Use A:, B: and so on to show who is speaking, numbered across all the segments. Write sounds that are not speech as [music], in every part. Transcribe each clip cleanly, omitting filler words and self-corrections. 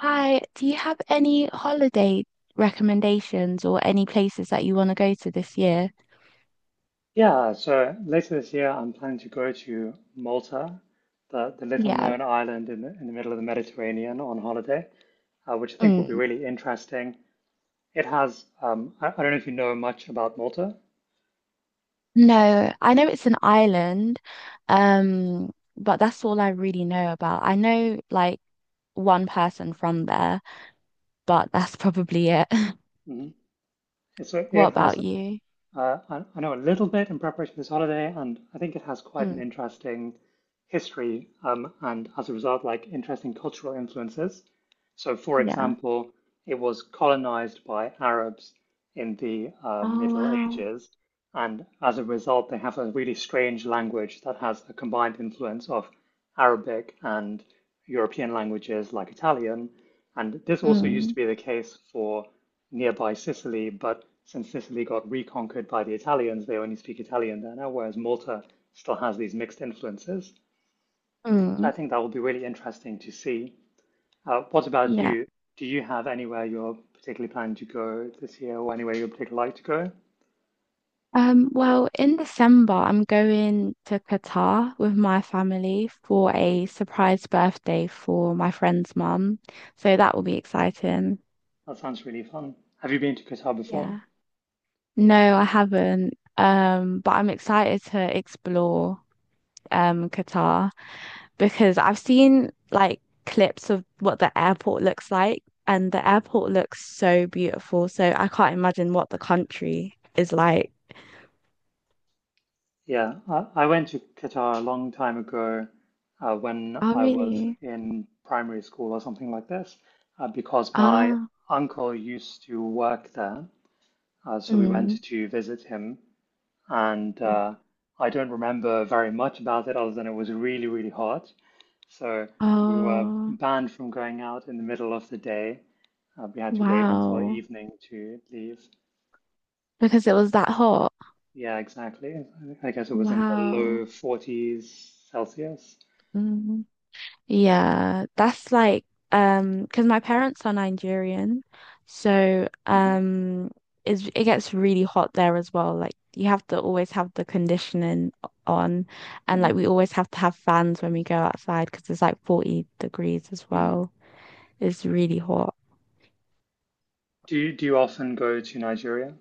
A: Hi, do you have any holiday recommendations or any places that you want to go to this year?
B: Yeah, so later this year, I'm planning to go to Malta, the little
A: Yeah.
B: known island in the middle of the Mediterranean on holiday, which I think will be
A: Mm.
B: really interesting. I don't know if you know much about Malta.
A: No, I know it's an island, um, but that's all I really know about. I know like one person from there, but that's probably it. [laughs]
B: Hmm. So
A: What
B: it has.
A: about you?
B: I know a little bit in preparation for this holiday, and I think it has quite an
A: Mm.
B: interesting history, and as a result, like interesting cultural influences. So, for
A: Yeah.
B: example, it was colonized by Arabs in the
A: Oh,
B: Middle
A: wow.
B: Ages, and as a result, they have a really strange language that has a combined influence of Arabic and European languages like Italian. And this also used to
A: Mm.
B: be the case for nearby Sicily, but since Sicily got reconquered by the Italians, they only speak Italian there now, whereas Malta still has these mixed influences. So I
A: Mm.
B: think that will be really interesting to see. What about
A: Yeah.
B: you? Do you have anywhere you're particularly planning to go this year or anywhere you'd particularly like to go?
A: Well, in December, I'm going to Qatar with my family for a surprise birthday for my friend's mum. So that will be exciting.
B: That sounds really fun. Have you been to Qatar before?
A: Yeah. No, I haven't. But I'm excited to explore Qatar because I've seen like clips of what the airport looks like, and the airport
B: Mm-hmm.
A: looks so beautiful. So I can't imagine what the country is like.
B: Yeah, I went to Qatar a long time ago when
A: Oh,
B: I was
A: really?
B: in primary school or something like this, because my
A: Ah,
B: uncle used to work there. So we
A: mm.
B: went to visit him, and I don't remember very much about it other than it was really, really hot. So we were
A: Oh,
B: banned from going out in the middle of the day. We had to wait until
A: wow.
B: evening to leave.
A: Because it was that hot.
B: Yeah, exactly. I guess it was in the
A: Wow.
B: low 40s Celsius.
A: Mm. Yeah, that's like because my parents are Nigerian. So
B: Hmm.
A: it gets really hot there as well. Like you have to always have the conditioning on, and like
B: Hmm.
A: we always have to have fans when we go outside because it's like 40 degrees as
B: Hmm.
A: well. It's really hot.
B: Do you often go to Nigeria?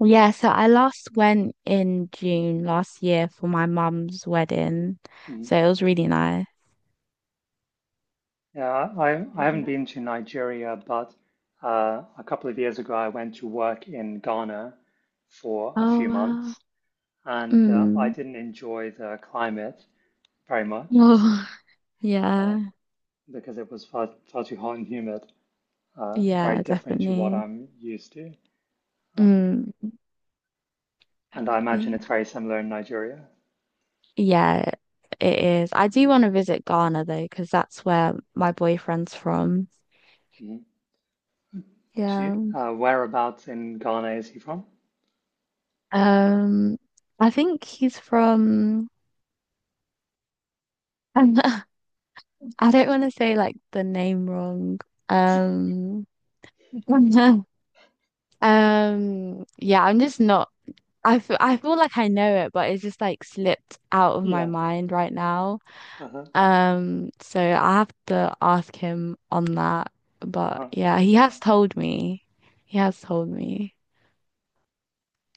A: Yeah, so I last went in June last year for my mum's wedding.
B: Hmm.
A: So it was really nice.
B: Yeah, I haven't been to Nigeria, but a couple of years ago I went to work in Ghana for a
A: Oh
B: few
A: wow.
B: months, and I
A: Mm.
B: didn't enjoy the climate very much
A: Oh
B: uh,
A: [laughs] yeah.
B: because it was far too hot and humid, very
A: Yeah,
B: different to what
A: definitely.
B: I'm used to, uh,
A: Mm.
B: and I imagine
A: Definitely.
B: it's very similar in Nigeria.
A: Yeah, it is. I do want to visit Ghana though, because that's where my boyfriend's from.
B: Hmm. Do you,
A: Yeah.
B: whereabouts in Ghana is he from?
A: Um, I think he's from [laughs] I don't want to say like the name wrong. Um [laughs] yeah, I'm just not. I feel like I know it, but it's just like slipped out of my
B: Yeah.
A: mind right now.
B: Uh-huh.
A: So I have to ask him on that. But
B: Uh-huh.
A: yeah, he has told me. He has told me.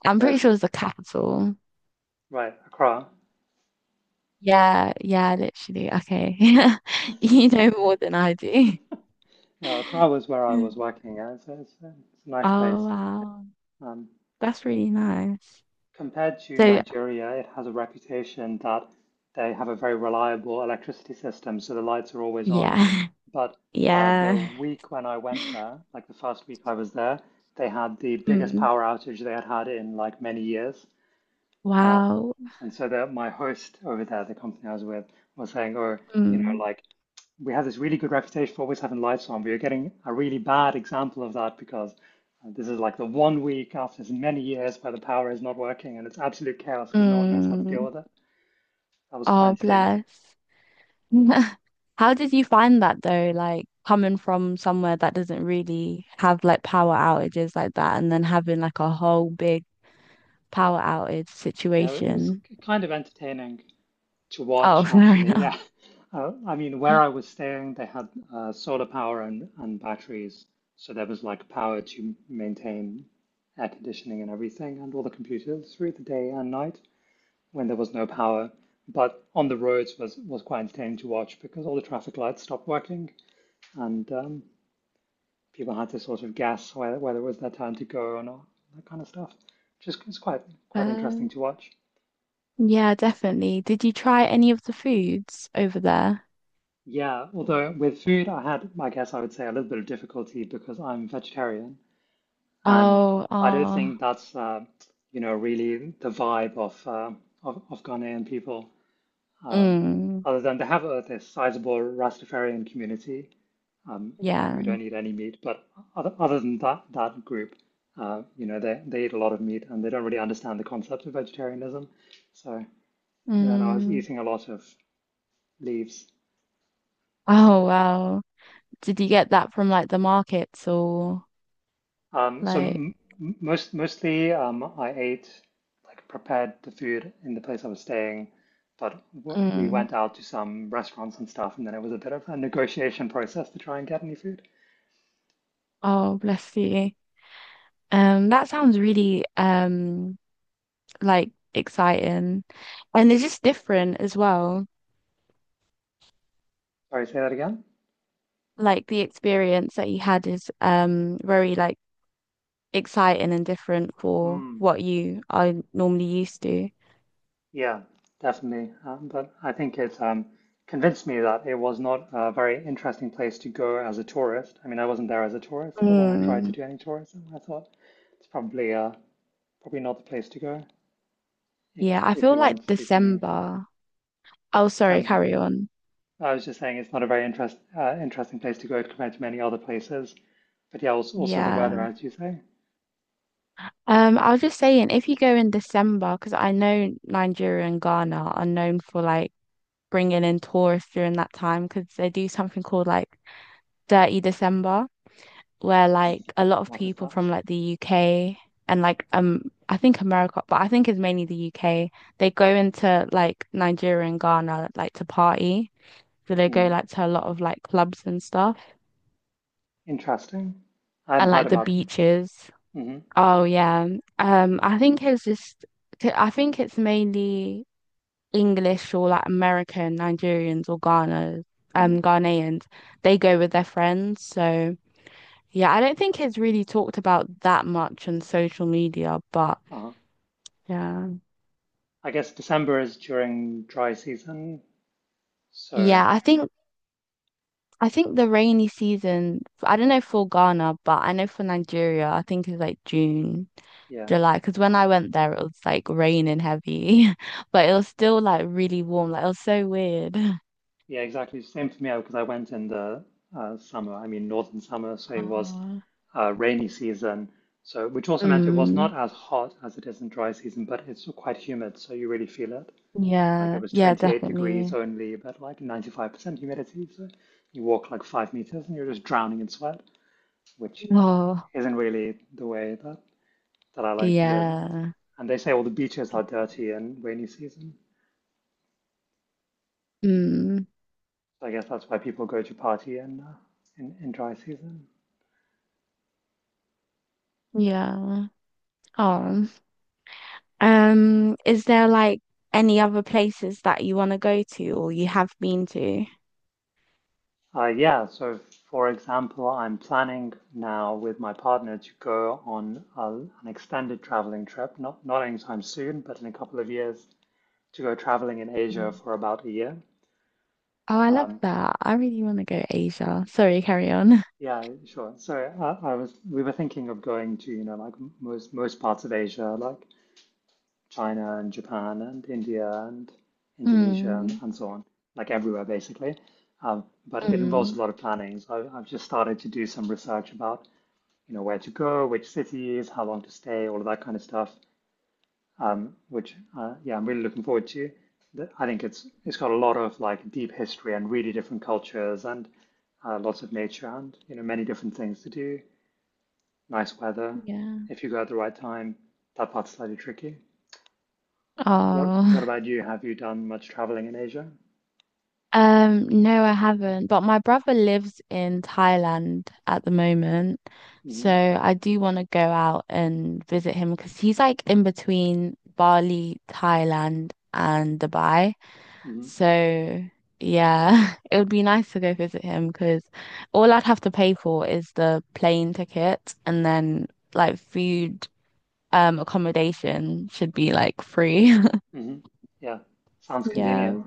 A: I'm pretty
B: Yes,
A: sure it's the capital.
B: right, Accra.
A: Yeah, yeah, literally. Okay. [laughs] You know more than I do.
B: Yeah, Accra was where I was
A: [laughs]
B: working. Yeah, it's a nice
A: Oh,
B: place.
A: wow.
B: Um,
A: That's really nice.
B: compared to
A: So,
B: Nigeria, it has a reputation that they have a very reliable electricity system, so the lights are always on.
A: yeah. [laughs]
B: But
A: Yeah.
B: the week when I went there, like the first week I was there, they had the biggest
A: Mm.
B: power outage they had had in like many years. Uh,
A: Wow.
B: and so that my host over there, the company I was with, was saying, "Oh,
A: Mm,
B: like, we have this really good reputation for always having lights on. We are getting a really bad example of that because this is like the one week after many years where the power is not working and it's absolute chaos because no one knows how to deal
A: mm.
B: with it." That was quite
A: Oh,
B: entertaining.
A: bless. [laughs] How did you find that though? Like coming from somewhere that doesn't really have like power outages like that, and then having like a whole big power outage
B: Yeah, it was
A: situation.
B: kind of entertaining to
A: Oh, [laughs]
B: watch
A: fair
B: actually.
A: enough.
B: Yeah, [laughs] I mean where I was staying, they had solar power and batteries, so there was like power to maintain air conditioning and everything and all the computers through the day and night when there was no power. But on the roads was quite entertaining to watch because all the traffic lights stopped working and people had to sort of guess whether it was their turn to go or not, that kind of stuff. Just it's quite interesting
A: Well,
B: to watch.
A: yeah, definitely. Did you try any of the foods over there?
B: Yeah, although with food I had, I guess I would say a little bit of difficulty because I'm vegetarian and
A: Oh,
B: I don't
A: oh.
B: think that's really the vibe of of Ghanaian people. Uh,
A: Mm.
B: other than they have this sizable Rastafarian community, um, who
A: Yeah.
B: don't eat any meat. But other than that group, they eat a lot of meat and they don't really understand the concept of vegetarianism. So, and then I was
A: Mm.
B: eating a lot of leaves.
A: Oh, wow. Did you get that from like the markets or
B: So
A: like,
B: mostly, I ate like prepared the food in the place I was staying. But w we
A: mm.
B: went out to some restaurants and stuff, and then it was a bit of a negotiation process to try and get any food.
A: Oh, bless you. That sounds really like exciting. And it's just different as well.
B: Sorry, say that again?
A: Like the experience that you had is very like exciting and different for
B: Hmm.
A: what you are normally used to.
B: Yeah, definitely. But I think it convinced me that it was not a very interesting place to go as a tourist. I mean, I wasn't there as a tourist, but when I tried to
A: Mm.
B: do any tourism, I thought it's probably not the place to go if,
A: Yeah, I
B: if
A: feel
B: you
A: like
B: want to see something interesting.
A: December. Oh, sorry,
B: Some-
A: carry on.
B: I was just saying it's not a very interesting place to go compared to many other places. But yeah, also the weather,
A: Yeah.
B: as you say.
A: I was just saying, if you go in December, because I know Nigeria and Ghana are known for like bringing in tourists during that time, because they do something called like Dirty December, where like a lot of
B: What is
A: people from
B: that?
A: like the UK and like I think America, but I think it's mainly the UK. They go into like Nigeria and Ghana like to party, so they go
B: Mm,
A: like to a lot of like clubs and stuff,
B: Interesting. I hadn't
A: and
B: heard
A: like the
B: about that.
A: beaches.
B: Mm-hmm.
A: Oh yeah, I think it's just. I think it's mainly. English or like American, Nigerians or Ghana,
B: Mm-hmm.
A: Ghanaians, they go with their friends. So yeah, I don't think it's really talked about that much on social media, but
B: Uh-huh.
A: yeah.
B: I guess December is during dry season. So
A: Yeah, I think the rainy season, I don't know for Ghana, but I know for Nigeria, I think it's like June,
B: yeah,
A: July. Because when I went there, it was like raining heavy, [laughs] but it was still like really warm. Like it was so weird. [laughs]
B: yeah, exactly. Same for me because I went in the summer. I mean, northern summer, so it was
A: Oh.
B: rainy season. So which also meant it was
A: Mm,
B: not as hot as it is in dry season, but it's still quite humid, so you really feel it. Like it
A: yeah,
B: was
A: yeah,
B: 28 degrees
A: definitely.
B: only, but like 95% humidity. So you walk like 5 meters and you're just drowning in sweat, which
A: Oh,
B: isn't really the way that I like to live.
A: yeah.
B: And they say all the beaches are dirty in rainy season.
A: Mm,
B: So I guess that's why people go to party in, in dry season.
A: yeah. Oh. Is there like any other places that you want to go to or you have been to?
B: Yeah, so for example, I'm planning now with my partner to go on an extended traveling trip, not anytime soon, but in a couple of years, to go traveling in Asia
A: Mm.
B: for about a year.
A: Oh, I love
B: Um,
A: that. I really want to go Asia. Sorry, carry on. [laughs]
B: yeah, sure. So I was we were thinking of going to, like most parts of Asia, like China and Japan and India and Indonesia and,
A: Mm,
B: and so on, like everywhere basically. But it involves a
A: mm,
B: lot of planning. So I've just started to do some research about, where to go, which cities, how long to stay, all of that kind of stuff. I'm really looking forward to. I think it's got a lot of like deep history and really different cultures and lots of nature and many different things to do. Nice weather
A: yeah.
B: if you go at the right time. That part's slightly tricky. What
A: Oh.
B: about you? Have you done much traveling in Asia?
A: No, I haven't. But my brother lives in Thailand at the moment.
B: Hmm.
A: So I do want to go out and visit him because he's like in between Bali, Thailand, and Dubai.
B: Hmm.
A: So yeah, [laughs] it would be nice to go visit him because all I'd have to pay for is the plane ticket and then like food, accommodation should be like free. [laughs]
B: Hmm. Yeah, sounds convenient.
A: Yeah.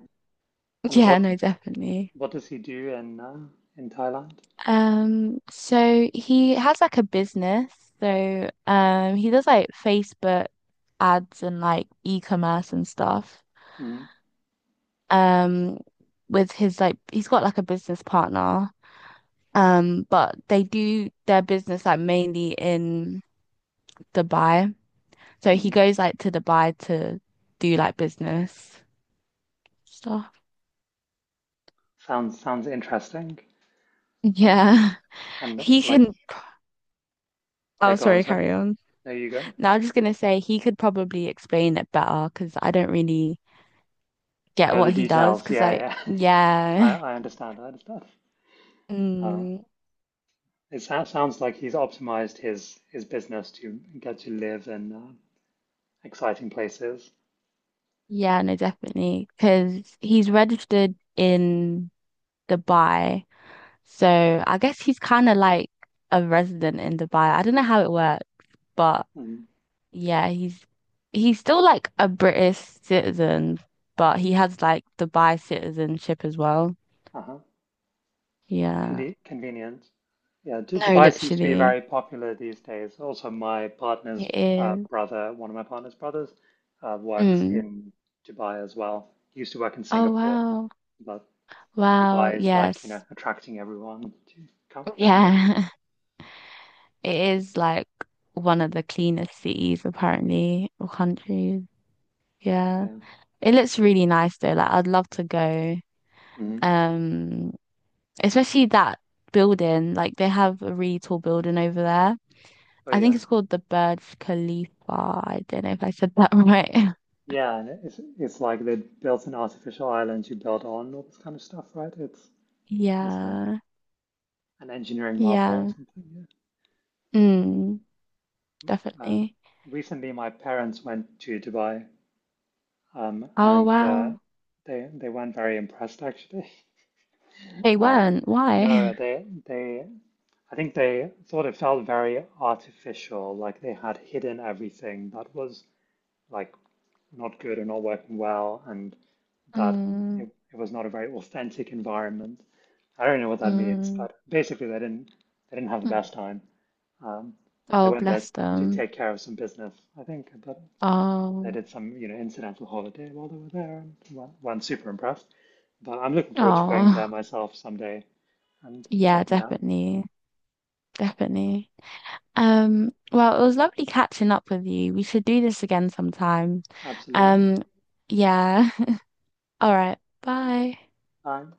B: And
A: Yeah,
B: what
A: no, definitely.
B: what does he do in in Thailand?
A: So he has like a business. So he does like Facebook ads and like e-commerce and stuff.
B: Hmm.
A: Um with his like he's got like a business partner. But they do their business like mainly in Dubai. So he
B: Hmm.
A: goes like to Dubai to do like business stuff.
B: Sounds interesting. Uh,
A: Yeah. [laughs]
B: and uh,
A: He
B: like,
A: can
B: yeah,
A: Oh,
B: go on,
A: sorry,
B: sorry.
A: carry on.
B: There you go.
A: Now I'm just gonna say he could probably explain it better because I don't really get
B: Know the
A: what he does,
B: details.
A: because like
B: Yeah, yeah. [laughs] I
A: yeah.
B: I understand. I understand.
A: [laughs]
B: Uh,
A: Mm,
B: it sounds like he's optimized his business to get to live in exciting places.
A: yeah, no, definitely, because he's registered in Dubai, so I guess he's kind of like a resident in Dubai. I don't know how it works, but
B: Mhm.
A: yeah, he's still like a British citizen, but he has like Dubai citizenship as well.
B: Uh-huh.
A: Yeah,
B: Convenient. Yeah, d
A: no,
B: Dubai seems to be
A: literally,
B: very popular these days. Also, my
A: it
B: partner's
A: is.
B: brother, one of my partner's brothers, works
A: Mm.
B: in Dubai as well. He used to work in
A: Oh
B: Singapore,
A: wow.
B: but
A: Wow,
B: Dubai is like,
A: yes,
B: attracting everyone to come there.
A: yeah. [laughs] It is like one of the cleanest cities, apparently, or countries. Yeah.
B: Yeah.
A: It looks really nice though. Like I'd love to go.
B: Hmm.
A: Um, Especially that building. Like they have a really tall building over there.
B: But
A: I think
B: yeah,
A: it's called the Burj Khalifa. I don't know if I said that [laughs] right.
B: yeah, and it's like they built an artificial island you build on all this kind of stuff, right? It's a,
A: Yeah.
B: an engineering marvel or
A: Yeah.
B: something.
A: Mm,
B: Yeah. Uh,
A: definitely.
B: recently, my parents went to Dubai.
A: Oh
B: And
A: wow.
B: they weren't very impressed actually. [laughs]
A: They
B: Uh,
A: weren't. Why?
B: no,
A: [laughs]
B: they I think they thought it felt very artificial, like they had hidden everything that was like not good or not working well, and that
A: Mm,
B: it was not a very authentic environment. I don't know what that means,
A: mm.
B: but basically they didn't have the
A: Mm.
B: best time. Um, they
A: Oh,
B: went there
A: bless
B: to
A: them.
B: take care of some business, I think, but they
A: Oh.
B: did some, incidental holiday while they were there, and one super impressed. But I'm looking forward to going there
A: Oh,
B: myself someday and
A: yeah,
B: checking it out.
A: definitely. Definitely. Well, it was lovely catching up with you. We should do this again sometime.
B: Absolutely.
A: Um, yeah. [laughs] All right. Bye.
B: Bye.